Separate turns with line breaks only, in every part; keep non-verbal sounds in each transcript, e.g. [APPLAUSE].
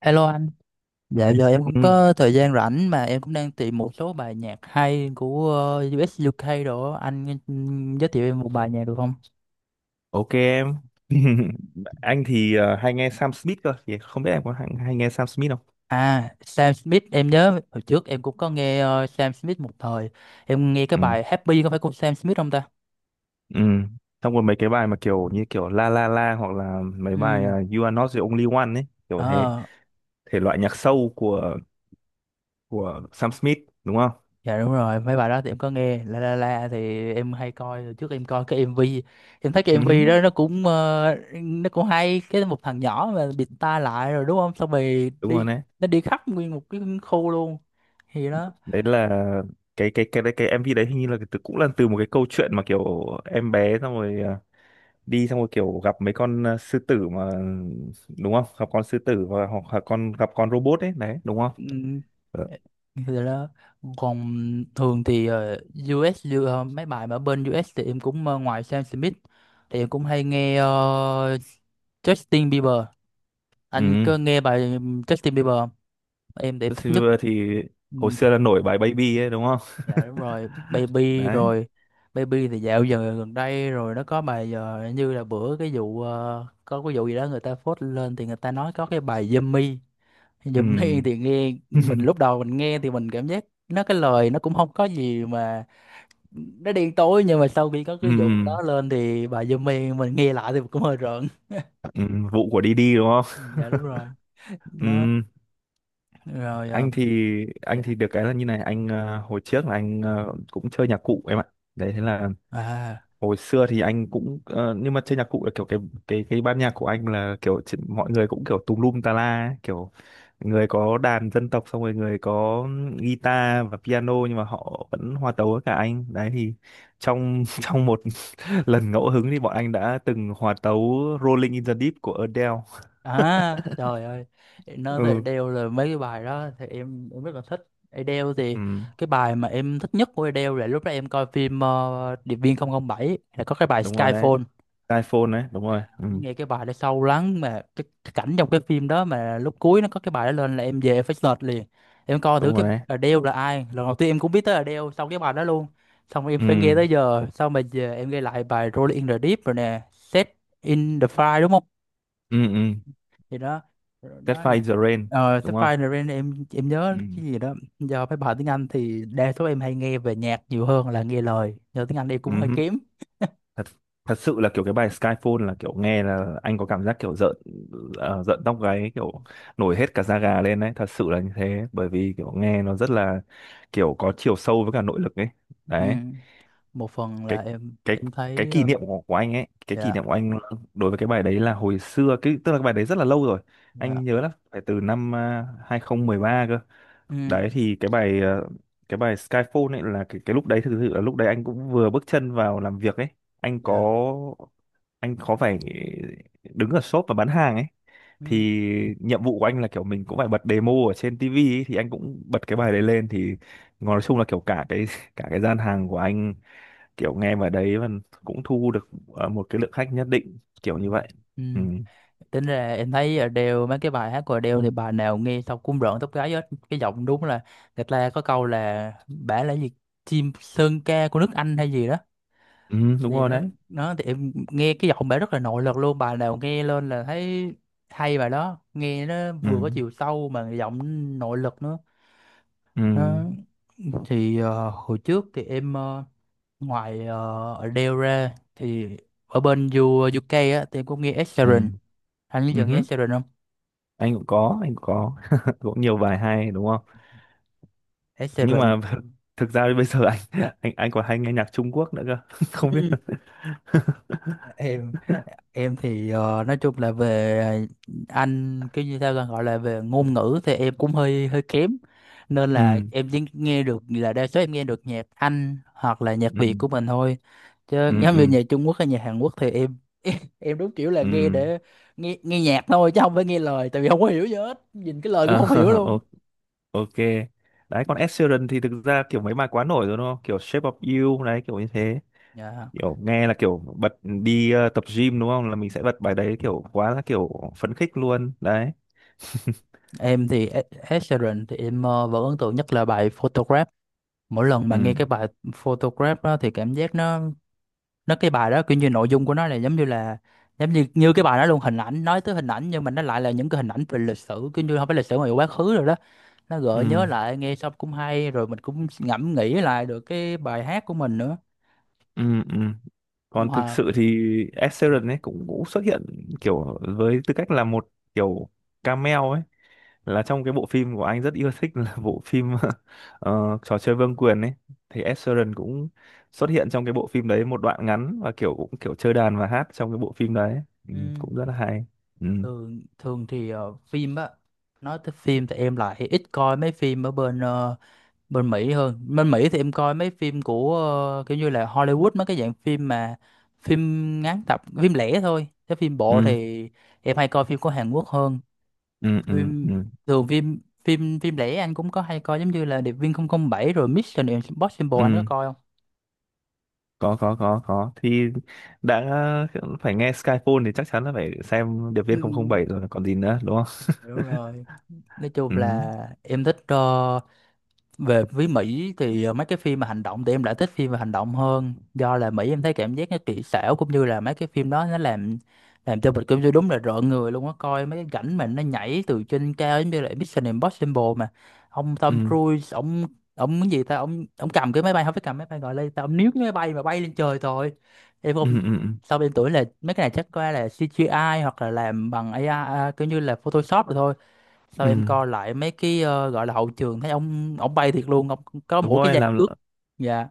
Hello anh, dạ giờ em cũng
Ừ,
có thời gian rảnh mà em cũng đang tìm một số bài nhạc hay của US UK đồ á. Anh giới thiệu em một bài nhạc được không?
ok em. [LAUGHS] Anh thì hay nghe Sam Smith cơ, thì không biết em có hay nghe Sam Smith không?
À, Sam Smith em nhớ hồi trước em cũng có nghe Sam Smith một thời, em nghe cái
Ừ.
bài Happy có phải của Sam Smith không ta?
Ừ. Xong rồi mấy cái bài mà kiểu như kiểu La La La hoặc là mấy bài You Are Not the Only One ấy, kiểu thế.
Ừ,
Thể loại nhạc soul của Sam Smith đúng không?
dạ đúng rồi, mấy bài đó thì em có nghe La La La thì em hay coi. Hồi trước em coi cái MV, em thấy cái
Ừ,
MV đó nó cũng nó cũng hay, cái một thằng nhỏ mà bịt tai lại rồi đúng không, xong rồi
đúng rồi
đi,
đấy.
nó đi khắp nguyên một cái khu luôn, thì đó.
Đấy là cái MV đấy hình như là từ cũng là từ một cái câu chuyện mà kiểu em bé xong rồi đi xong rồi kiểu gặp mấy con sư tử mà đúng không, gặp con sư tử và hoặc là con gặp con robot ấy đấy đúng không?
ừm,
Ờ.
thì đó, còn thường thì US như, mấy bài mà ở bên US thì em cũng ngoài Sam Smith thì em cũng hay nghe Justin Bieber. Anh
Ừ.
có nghe bài Justin Bieber không? Em thì em thích
Justin
nhất.
Bieber thì
Ừ,
hồi xưa là nổi bài Baby ấy đúng không?
dạ đúng rồi,
[LAUGHS]
baby
Đấy.
rồi. Baby thì dạo giờ gần đây rồi nó có bài giờ như là bữa cái vụ có cái vụ gì đó người ta phốt lên thì người ta nói có cái bài Yummy,
Ừ.
Yummy [LAUGHS] thì nghe, mình lúc
[LAUGHS]
đầu mình nghe thì mình cảm giác nó, cái lời nó cũng không có gì mà nó đen tối, nhưng mà sau khi có
Ừ.
cái vụ đó lên thì bài Yummy mình nghe lại thì cũng hơi rợn.
Ừ. Vụ của Didi đúng không?
Dạ đúng rồi,
[LAUGHS]
nó
Ừ.
rồi
Anh thì anh thì
dạ
được cái là như này, anh hồi trước là anh cũng chơi nhạc cụ em ạ. Đấy thế là
à.
hồi xưa thì anh cũng nhưng mà chơi nhạc cụ là kiểu cái ban nhạc của anh là kiểu mọi người cũng kiểu tùm lum tà la ấy, kiểu người có đàn dân tộc xong rồi người có guitar và piano nhưng mà họ vẫn hòa tấu với cả anh đấy. Thì trong [LAUGHS] trong một [LAUGHS] lần ngẫu hứng thì bọn anh đã từng hòa tấu Rolling in the Deep của Adele.
À, trời ơi, để nói về
Ừ.
Adele là mấy cái bài đó thì em rất là thích. Adele thì
Ừ.
cái bài mà em thích nhất của Adele là lúc đó em coi phim Điệp viên 007, là có cái bài
Đúng rồi đấy.
Skyfall.
iPhone đấy đúng rồi.
Dạ.
Ừ.
Nghe cái bài đó sâu lắng mà cái cảnh trong cái phim đó mà lúc cuối nó có cái bài đó lên là em về em phải search liền. Em coi thử
Đúng
cái
rồi đấy.
Adele là ai. Lần đầu tiên em cũng biết tới Adele sau cái bài đó luôn. Xong rồi em
Ừ.
phải nghe tới giờ, xong mà về em nghe lại bài Rolling in the Deep rồi nè, Set in the Fire đúng không?
Ừ. Ừ.
Thì đó, đó
Catfight
là-
in the Rain
ờ
đúng
Sắp
không?
Fire the Rain, em nhớ
Ừ.
cái gì đó, do mấy bài tiếng Anh thì đa số em hay nghe về nhạc nhiều hơn là nghe lời, do tiếng Anh em
Ừ.
cũng hơi
Ừ.
kém.
thật thật sự là kiểu cái bài Skyfall là kiểu nghe là anh có cảm giác kiểu rợn, rợn tóc gáy kiểu nổi hết cả da gà lên đấy, thật sự là như thế. Bởi vì kiểu nghe nó rất là kiểu có chiều sâu với cả nội lực ấy
Ừ.
đấy.
Một phần
cái
là em
cái
em thấy
kỷ niệm của anh ấy, cái kỷ
dạ.
niệm của anh đối với cái bài đấy là hồi xưa cái tức là cái bài đấy rất là lâu rồi,
Dạ,
anh nhớ là phải từ năm 2013 cơ.
ừ,
Đấy thì cái bài cái bài Skyfall ấy là cái lúc đấy thực sự là lúc đấy anh cũng vừa bước chân vào làm việc ấy. anh
dạ,
có anh có phải đứng ở shop và bán hàng ấy,
ừ,
thì nhiệm vụ của anh là kiểu mình cũng phải bật demo ở trên tivi ấy, thì anh cũng bật cái bài đấy lên thì nói chung là kiểu cả cái [LAUGHS] cả cái gian hàng của anh kiểu nghe vào đấy và cũng thu được một cái lượng khách nhất định, kiểu
ừ,
như vậy.
ừ.
Ừ,
Tính ra em thấy Adele, mấy cái bài hát của Adele thì bài nào nghe xong cũng rợn tóc gáy hết, cái giọng đúng là, người ta có câu là bả là gì, chim sơn ca của nước Anh hay gì đó,
ừ. Đúng
gì
rồi
đó.
đấy.
Nó thì em nghe cái giọng bà rất là nội lực luôn, bà nào nghe lên là thấy hay, bà đó nghe nó
Ừ.
vừa có chiều sâu mà giọng nội lực nữa.
Ừ.
Nó thì hồi trước thì em ngoài Adele ra thì ở bên UK á thì em cũng nghe Ed
Ừ.
Sheeran. Anh bây
Ừ
giờ nghe
hứ.
Ed Sheeran không?
Anh cũng có, anh cũng có [LAUGHS] cũng nhiều bài hay đúng không,
Ed
nhưng
Sheeran,
mà [LAUGHS] thực ra bây giờ anh [LAUGHS] anh còn hay nghe nhạc Trung Quốc nữa cơ. [LAUGHS] Không biết là-
em em thì nói chung là về anh cái như sao ta gọi là về ngôn ngữ thì em cũng hơi hơi kém, nên
[LAUGHS]
là
Ừ.
em chỉ nghe được là đa số em nghe được nhạc Anh hoặc là nhạc
Ừ.
Việt của mình thôi, chứ
Ừ.
giống
Ừ.
như nhạc Trung Quốc hay nhạc Hàn Quốc thì em [LAUGHS] em đúng kiểu là
Ừ.
nghe để nghe nghe nhạc thôi, chứ không phải nghe lời, tại vì không có hiểu gì hết, nhìn cái lời cũng
Ờ,
không hiểu
[LAUGHS]
luôn.
o- ok. Đấy còn Ed Sheeran thì thực ra kiểu mấy bài quá nổi rồi đúng không, kiểu Shape of You đấy kiểu như thế.
Dạ.
Kiểu nghe là kiểu bật đi tập gym đúng không, là mình sẽ bật bài đấy kiểu quá là kiểu phấn khích luôn đấy. [LAUGHS]
Em thì Ed Ed Sheeran thì em vẫn ấn tượng nhất là bài Photograph. Mỗi lần mà nghe
Ừ.
cái bài Photograph đó thì cảm giác nó cái bài đó kiểu như nội dung của nó là giống như là, giống như, cái bài đó luôn hình ảnh, nói tới hình ảnh, nhưng mà nó lại là những cái hình ảnh về lịch sử, kiểu như không phải lịch sử mà quá khứ rồi đó, nó
Ừ.
gợi nhớ lại, nghe xong cũng hay rồi mình cũng ngẫm nghĩ lại được cái bài hát của mình nữa.
Ừ. Ừ. Còn thực
Mà,
sự thì Ed Sheeran ấy cũng cũng xuất hiện kiểu với tư cách là một kiểu cameo ấy, là trong cái bộ phim của anh rất yêu thích là bộ phim [LAUGHS] trò chơi vương quyền ấy. Thì Ed Sheeran cũng xuất hiện trong cái bộ phim đấy một đoạn ngắn và kiểu cũng kiểu chơi đàn và hát trong cái bộ phim đấy, ừ, cũng
ừm,
rất là hay. Ừ.
thường thường thì phim á, nói tới phim thì em lại ít coi mấy phim ở bên bên Mỹ hơn, bên Mỹ thì em coi mấy phim của kiểu như là Hollywood, mấy cái dạng phim mà phim ngắn tập, phim lẻ thôi, chứ phim bộ
Ừ.
thì em hay coi phim của Hàn Quốc hơn.
Ừ. Ừ. Ừ,
Phim thường, phim phim phim lẻ anh cũng có hay coi, giống như là Điệp viên 007 rồi Mission Impossible, anh có
ừ.
coi không?
Có có có. Thì đã phải nghe Skyfall thì chắc chắn là phải xem Điệp
Ừ,
viên 007 rồi còn gì nữa đúng không?
hiểu rồi, nói
[LAUGHS]
chung
Ừ.
là em thích về với Mỹ thì mấy cái phim mà hành động thì em lại thích phim mà hành động hơn, do là Mỹ em thấy cảm giác nó kỹ xảo cũng như là mấy cái phim đó nó làm cho mình cũng như đúng là rợn người luôn á, coi mấy cái cảnh mà nó nhảy từ trên cao giống như là Mission Impossible mà ông Tom
Ừ.
Cruise, ông cái gì ta, ông cầm cái máy bay, không phải cầm máy bay, gọi lên ta, ông níu cái máy bay mà bay lên trời thôi. Em
Ừ.
không,
Ừ. Ừ.
sau em tưởng là mấy cái này chắc có lẽ là CGI hoặc là làm bằng AI à, kiểu như là Photoshop rồi thôi, sao
Ừ.
em coi lại mấy cái gọi là hậu trường thấy ông bay thiệt luôn, ông có
Đúng
mỗi cái
rồi,
dây cước. Dạ,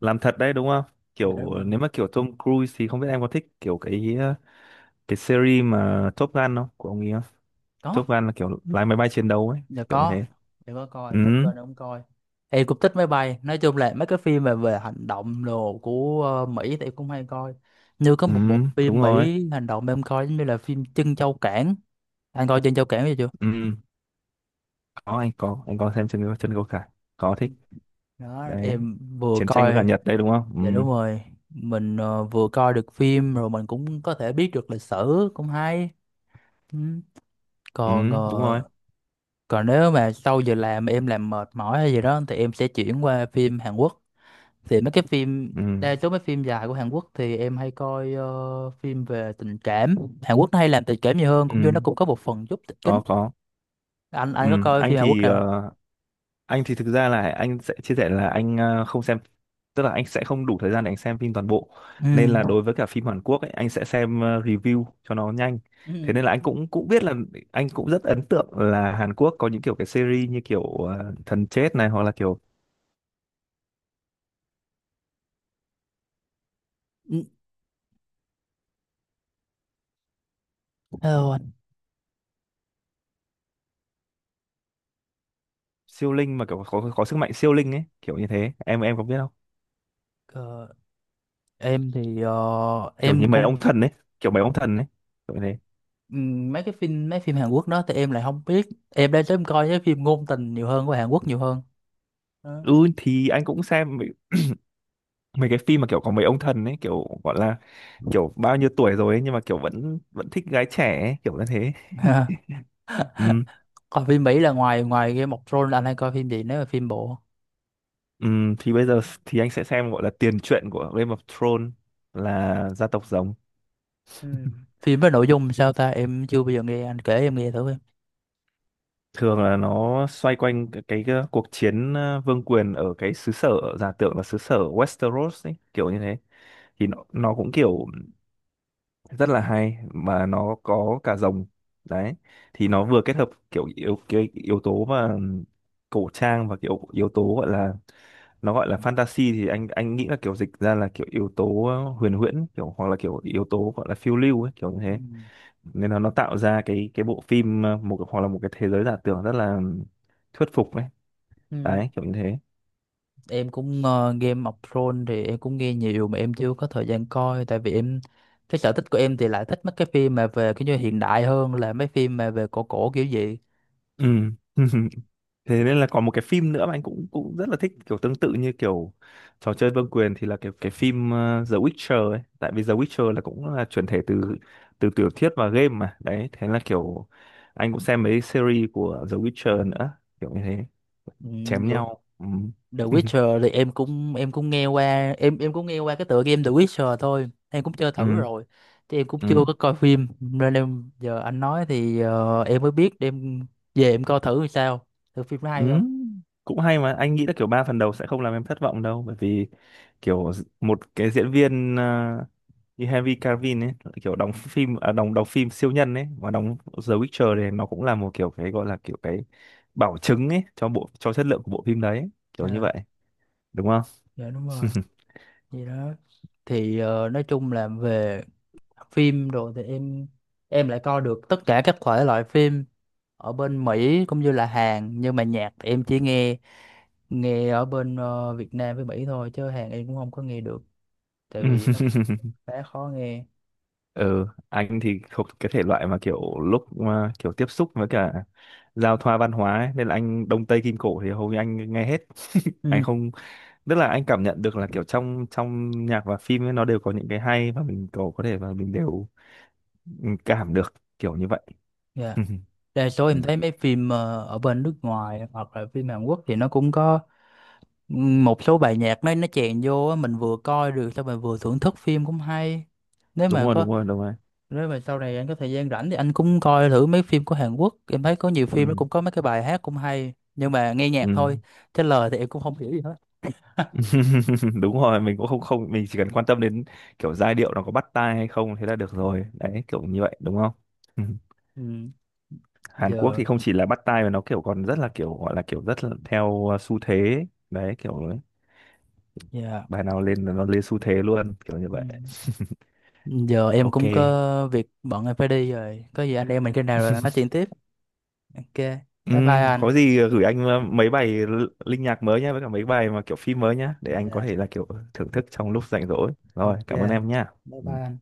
làm thật đấy đúng không?
dạ đúng
Kiểu
rồi,
nếu mà kiểu Tom Cruise thì không biết em có thích kiểu cái cái series mà Top Gun không, của ông ấy không?
có,
Top Gun là kiểu lái máy bay chiến đấu ấy,
dạ
kiểu như
có,
thế.
dạ có
Ừ.
coi Top Gun, ông coi em cũng thích máy bay. Nói chung là mấy cái phim về về hành động đồ của Mỹ thì em cũng hay coi, như có
Ừ.
một bộ
Đúng
phim
rồi.
Mỹ hành động em coi giống như là phim Trân Châu Cảng, anh coi Trân Châu Cảng chưa?
Ừ. Có, anh có, anh có xem chân chân câu cải. Có thích
Đó
đấy,
em vừa
chiến tranh với cả
coi.
Nhật đấy đúng không?
Dạ
Ừ.
đúng rồi, mình vừa coi được phim rồi mình cũng có thể biết được lịch sử, cũng hay. Ừ.
Ừ.
Còn
Đúng rồi.
còn nếu mà sau giờ làm mà em làm mệt mỏi hay gì đó thì em sẽ chuyển qua phim Hàn Quốc. Thì mấy cái phim,
Ừ.
đa số mấy phim dài của Hàn Quốc thì em hay coi phim về tình cảm. Hàn Quốc nó hay làm tình cảm nhiều hơn, cũng như
Ừ.
nó cũng có một phần giúp kịch tính.
Có có.
anh
Ừ.
anh có coi
Anh
phim Hàn Quốc
thì
nào không?
anh thì thực ra là anh sẽ chia sẻ là anh không xem, tức là anh sẽ không đủ thời gian để anh xem phim toàn bộ,
Ừ.
nên là đối với cả phim Hàn Quốc ấy anh sẽ xem review cho nó nhanh. Thế
Ừ.
nên là anh cũng cũng biết là anh cũng rất ấn tượng là Hàn Quốc có những kiểu cái series như kiểu thần chết này, hoặc là kiểu
Ừ, hello anh.
siêu linh mà kiểu có sức mạnh siêu linh ấy kiểu như thế, em có biết không?
Ờ, em thì
Kiểu
em
như mấy
cũng,
ông thần ấy, kiểu mấy ông thần ấy, kiểu như thế.
mấy cái phim, mấy phim Hàn Quốc đó thì em lại không biết, em đang sớm coi cái phim ngôn tình nhiều hơn của Hàn Quốc nhiều hơn. Đó.
Ừ, thì anh cũng xem mấy cái phim mà kiểu có mấy ông thần ấy, kiểu gọi là kiểu bao nhiêu tuổi rồi ấy, nhưng mà kiểu vẫn vẫn thích gái trẻ ấy, kiểu như thế. [LAUGHS]
[LAUGHS]
Ừ,
Còn phim Mỹ là ngoài ngoài Game of Thrones là anh hay coi phim gì nếu mà phim bộ?
ừ, thì bây giờ thì anh sẽ xem gọi là tiền truyện của Game of Thrones là Gia Tộc Rồng.
Ừ. Phim với nội dung sao ta? Em chưa bao giờ nghe anh kể, em nghe thử em.
Thường là nó xoay quanh cái cuộc chiến vương quyền ở cái xứ sở giả tưởng là xứ sở Westeros ấy, kiểu như thế. Thì nó cũng kiểu rất là hay mà nó có cả rồng đấy. Thì nó vừa kết hợp kiểu cái yếu tố mà cổ trang và kiểu yếu tố gọi là, nó gọi là fantasy thì anh nghĩ là kiểu dịch ra là kiểu yếu tố huyền huyễn kiểu hoặc là kiểu yếu tố gọi là phiêu lưu ấy, kiểu như
Ừ.
thế. Nên là nó tạo ra cái bộ phim một hoặc là một cái thế giới giả tưởng rất là thuyết phục ấy
Ừ.
đấy, kiểu như thế.
Em cũng Game of Thrones thì em cũng nghe nhiều mà em chưa có thời gian coi, tại vì em, cái sở thích của em thì lại thích mấy cái phim mà về cái như hiện đại hơn là mấy phim mà về cổ cổ kiểu gì.
Ừ. [LAUGHS] Thế nên là còn một cái phim nữa mà anh cũng cũng rất là thích kiểu tương tự như kiểu trò chơi vương quyền thì là cái phim The Witcher ấy. Tại vì The Witcher là cũng là chuyển thể từ từ tiểu thuyết và game mà đấy, thế là kiểu anh cũng xem mấy series của The Witcher nữa, kiểu như thế,
Ừ.
chém
Được.
nhau. Ừ.
The
[LAUGHS]
Witcher thì em cũng, nghe qua, em cũng nghe qua cái tựa game The Witcher thôi, em cũng chơi thử
Ừ.
rồi, chứ em cũng chưa
Ừ.
có coi phim nên em giờ anh nói thì em mới biết, em về em coi thử thì sao, thử phim nó
Ừ.
hay không.
[LAUGHS] Cũng hay, mà anh nghĩ là kiểu ba phần đầu sẽ không làm em thất vọng đâu. Bởi vì kiểu một cái diễn viên như Henry Cavill ấy, kiểu đóng phim đóng đóng phim siêu nhân ấy, và đóng The Witcher này, nó cũng là một kiểu cái gọi là kiểu cái bảo chứng ấy cho bộ, cho chất lượng của bộ phim đấy, kiểu như
Ờ,
vậy, đúng không?
dạ đúng rồi,
[LAUGHS]
gì đó. Thì nói chung là về phim rồi thì em lại coi được tất cả các thể loại phim ở bên Mỹ cũng như là Hàn, nhưng mà nhạc thì em chỉ nghe, nghe ở bên Việt Nam với Mỹ thôi, chứ Hàn em cũng không có nghe được, tại vì khá khó nghe. [LAUGHS]
Ừ, anh thì thuộc cái thể loại mà kiểu lúc mà kiểu tiếp xúc với cả giao thoa văn hóa ấy, nên là anh Đông Tây Kim Cổ thì hầu như anh nghe hết. [LAUGHS] Anh
Ừ.
không, tức là anh cảm nhận được là kiểu trong trong nhạc và phim ấy, nó đều có những cái hay và mình có thể và mình đều, ừ, cảm được, kiểu như vậy.
Dạ,
[LAUGHS]
đa số
Ừ,
em thấy mấy phim ở bên nước ngoài hoặc là phim Hàn Quốc thì nó cũng có một số bài nhạc nó chèn vô á, mình vừa coi được xong rồi vừa thưởng thức phim cũng hay. Nếu
đúng
mà
rồi
có,
đúng rồi đúng rồi.
nếu mà sau này anh có thời gian rảnh thì anh cũng coi thử mấy phim của Hàn Quốc, em thấy có nhiều phim nó
Ừ.
cũng có mấy cái bài hát cũng hay, nhưng mà nghe
Ừ.
nhạc thôi chứ lời thì em cũng không hiểu gì hết.
[LAUGHS] Đúng rồi, mình cũng không không mình chỉ cần quan tâm đến kiểu giai điệu nó có bắt tai hay không, thế là được rồi đấy, kiểu như vậy đúng không? [LAUGHS] Ừ.
Ừ.
Hàn Quốc
Giờ,
thì không chỉ là bắt tai mà nó kiểu còn rất là kiểu gọi là kiểu rất là theo xu thế ấy. Đấy kiểu
dạ,
bài nào lên là nó lên xu thế luôn, kiểu như
ừ.
vậy. [LAUGHS]
Giờ em
Ok.
cũng có việc bận em phải đi rồi, có gì anh em mình khi nào rồi nói chuyện tiếp. Ok. Bye bye anh.
Có gì gửi anh mấy bài linh nhạc mới nhá, với cả mấy bài mà kiểu phim mới nhá, để anh có
Dạ.
thể là kiểu thưởng thức trong lúc rảnh rỗi. Rồi
Ok
cảm ơn
anh.
em nhá.
Bye bye
Ừ.
anh.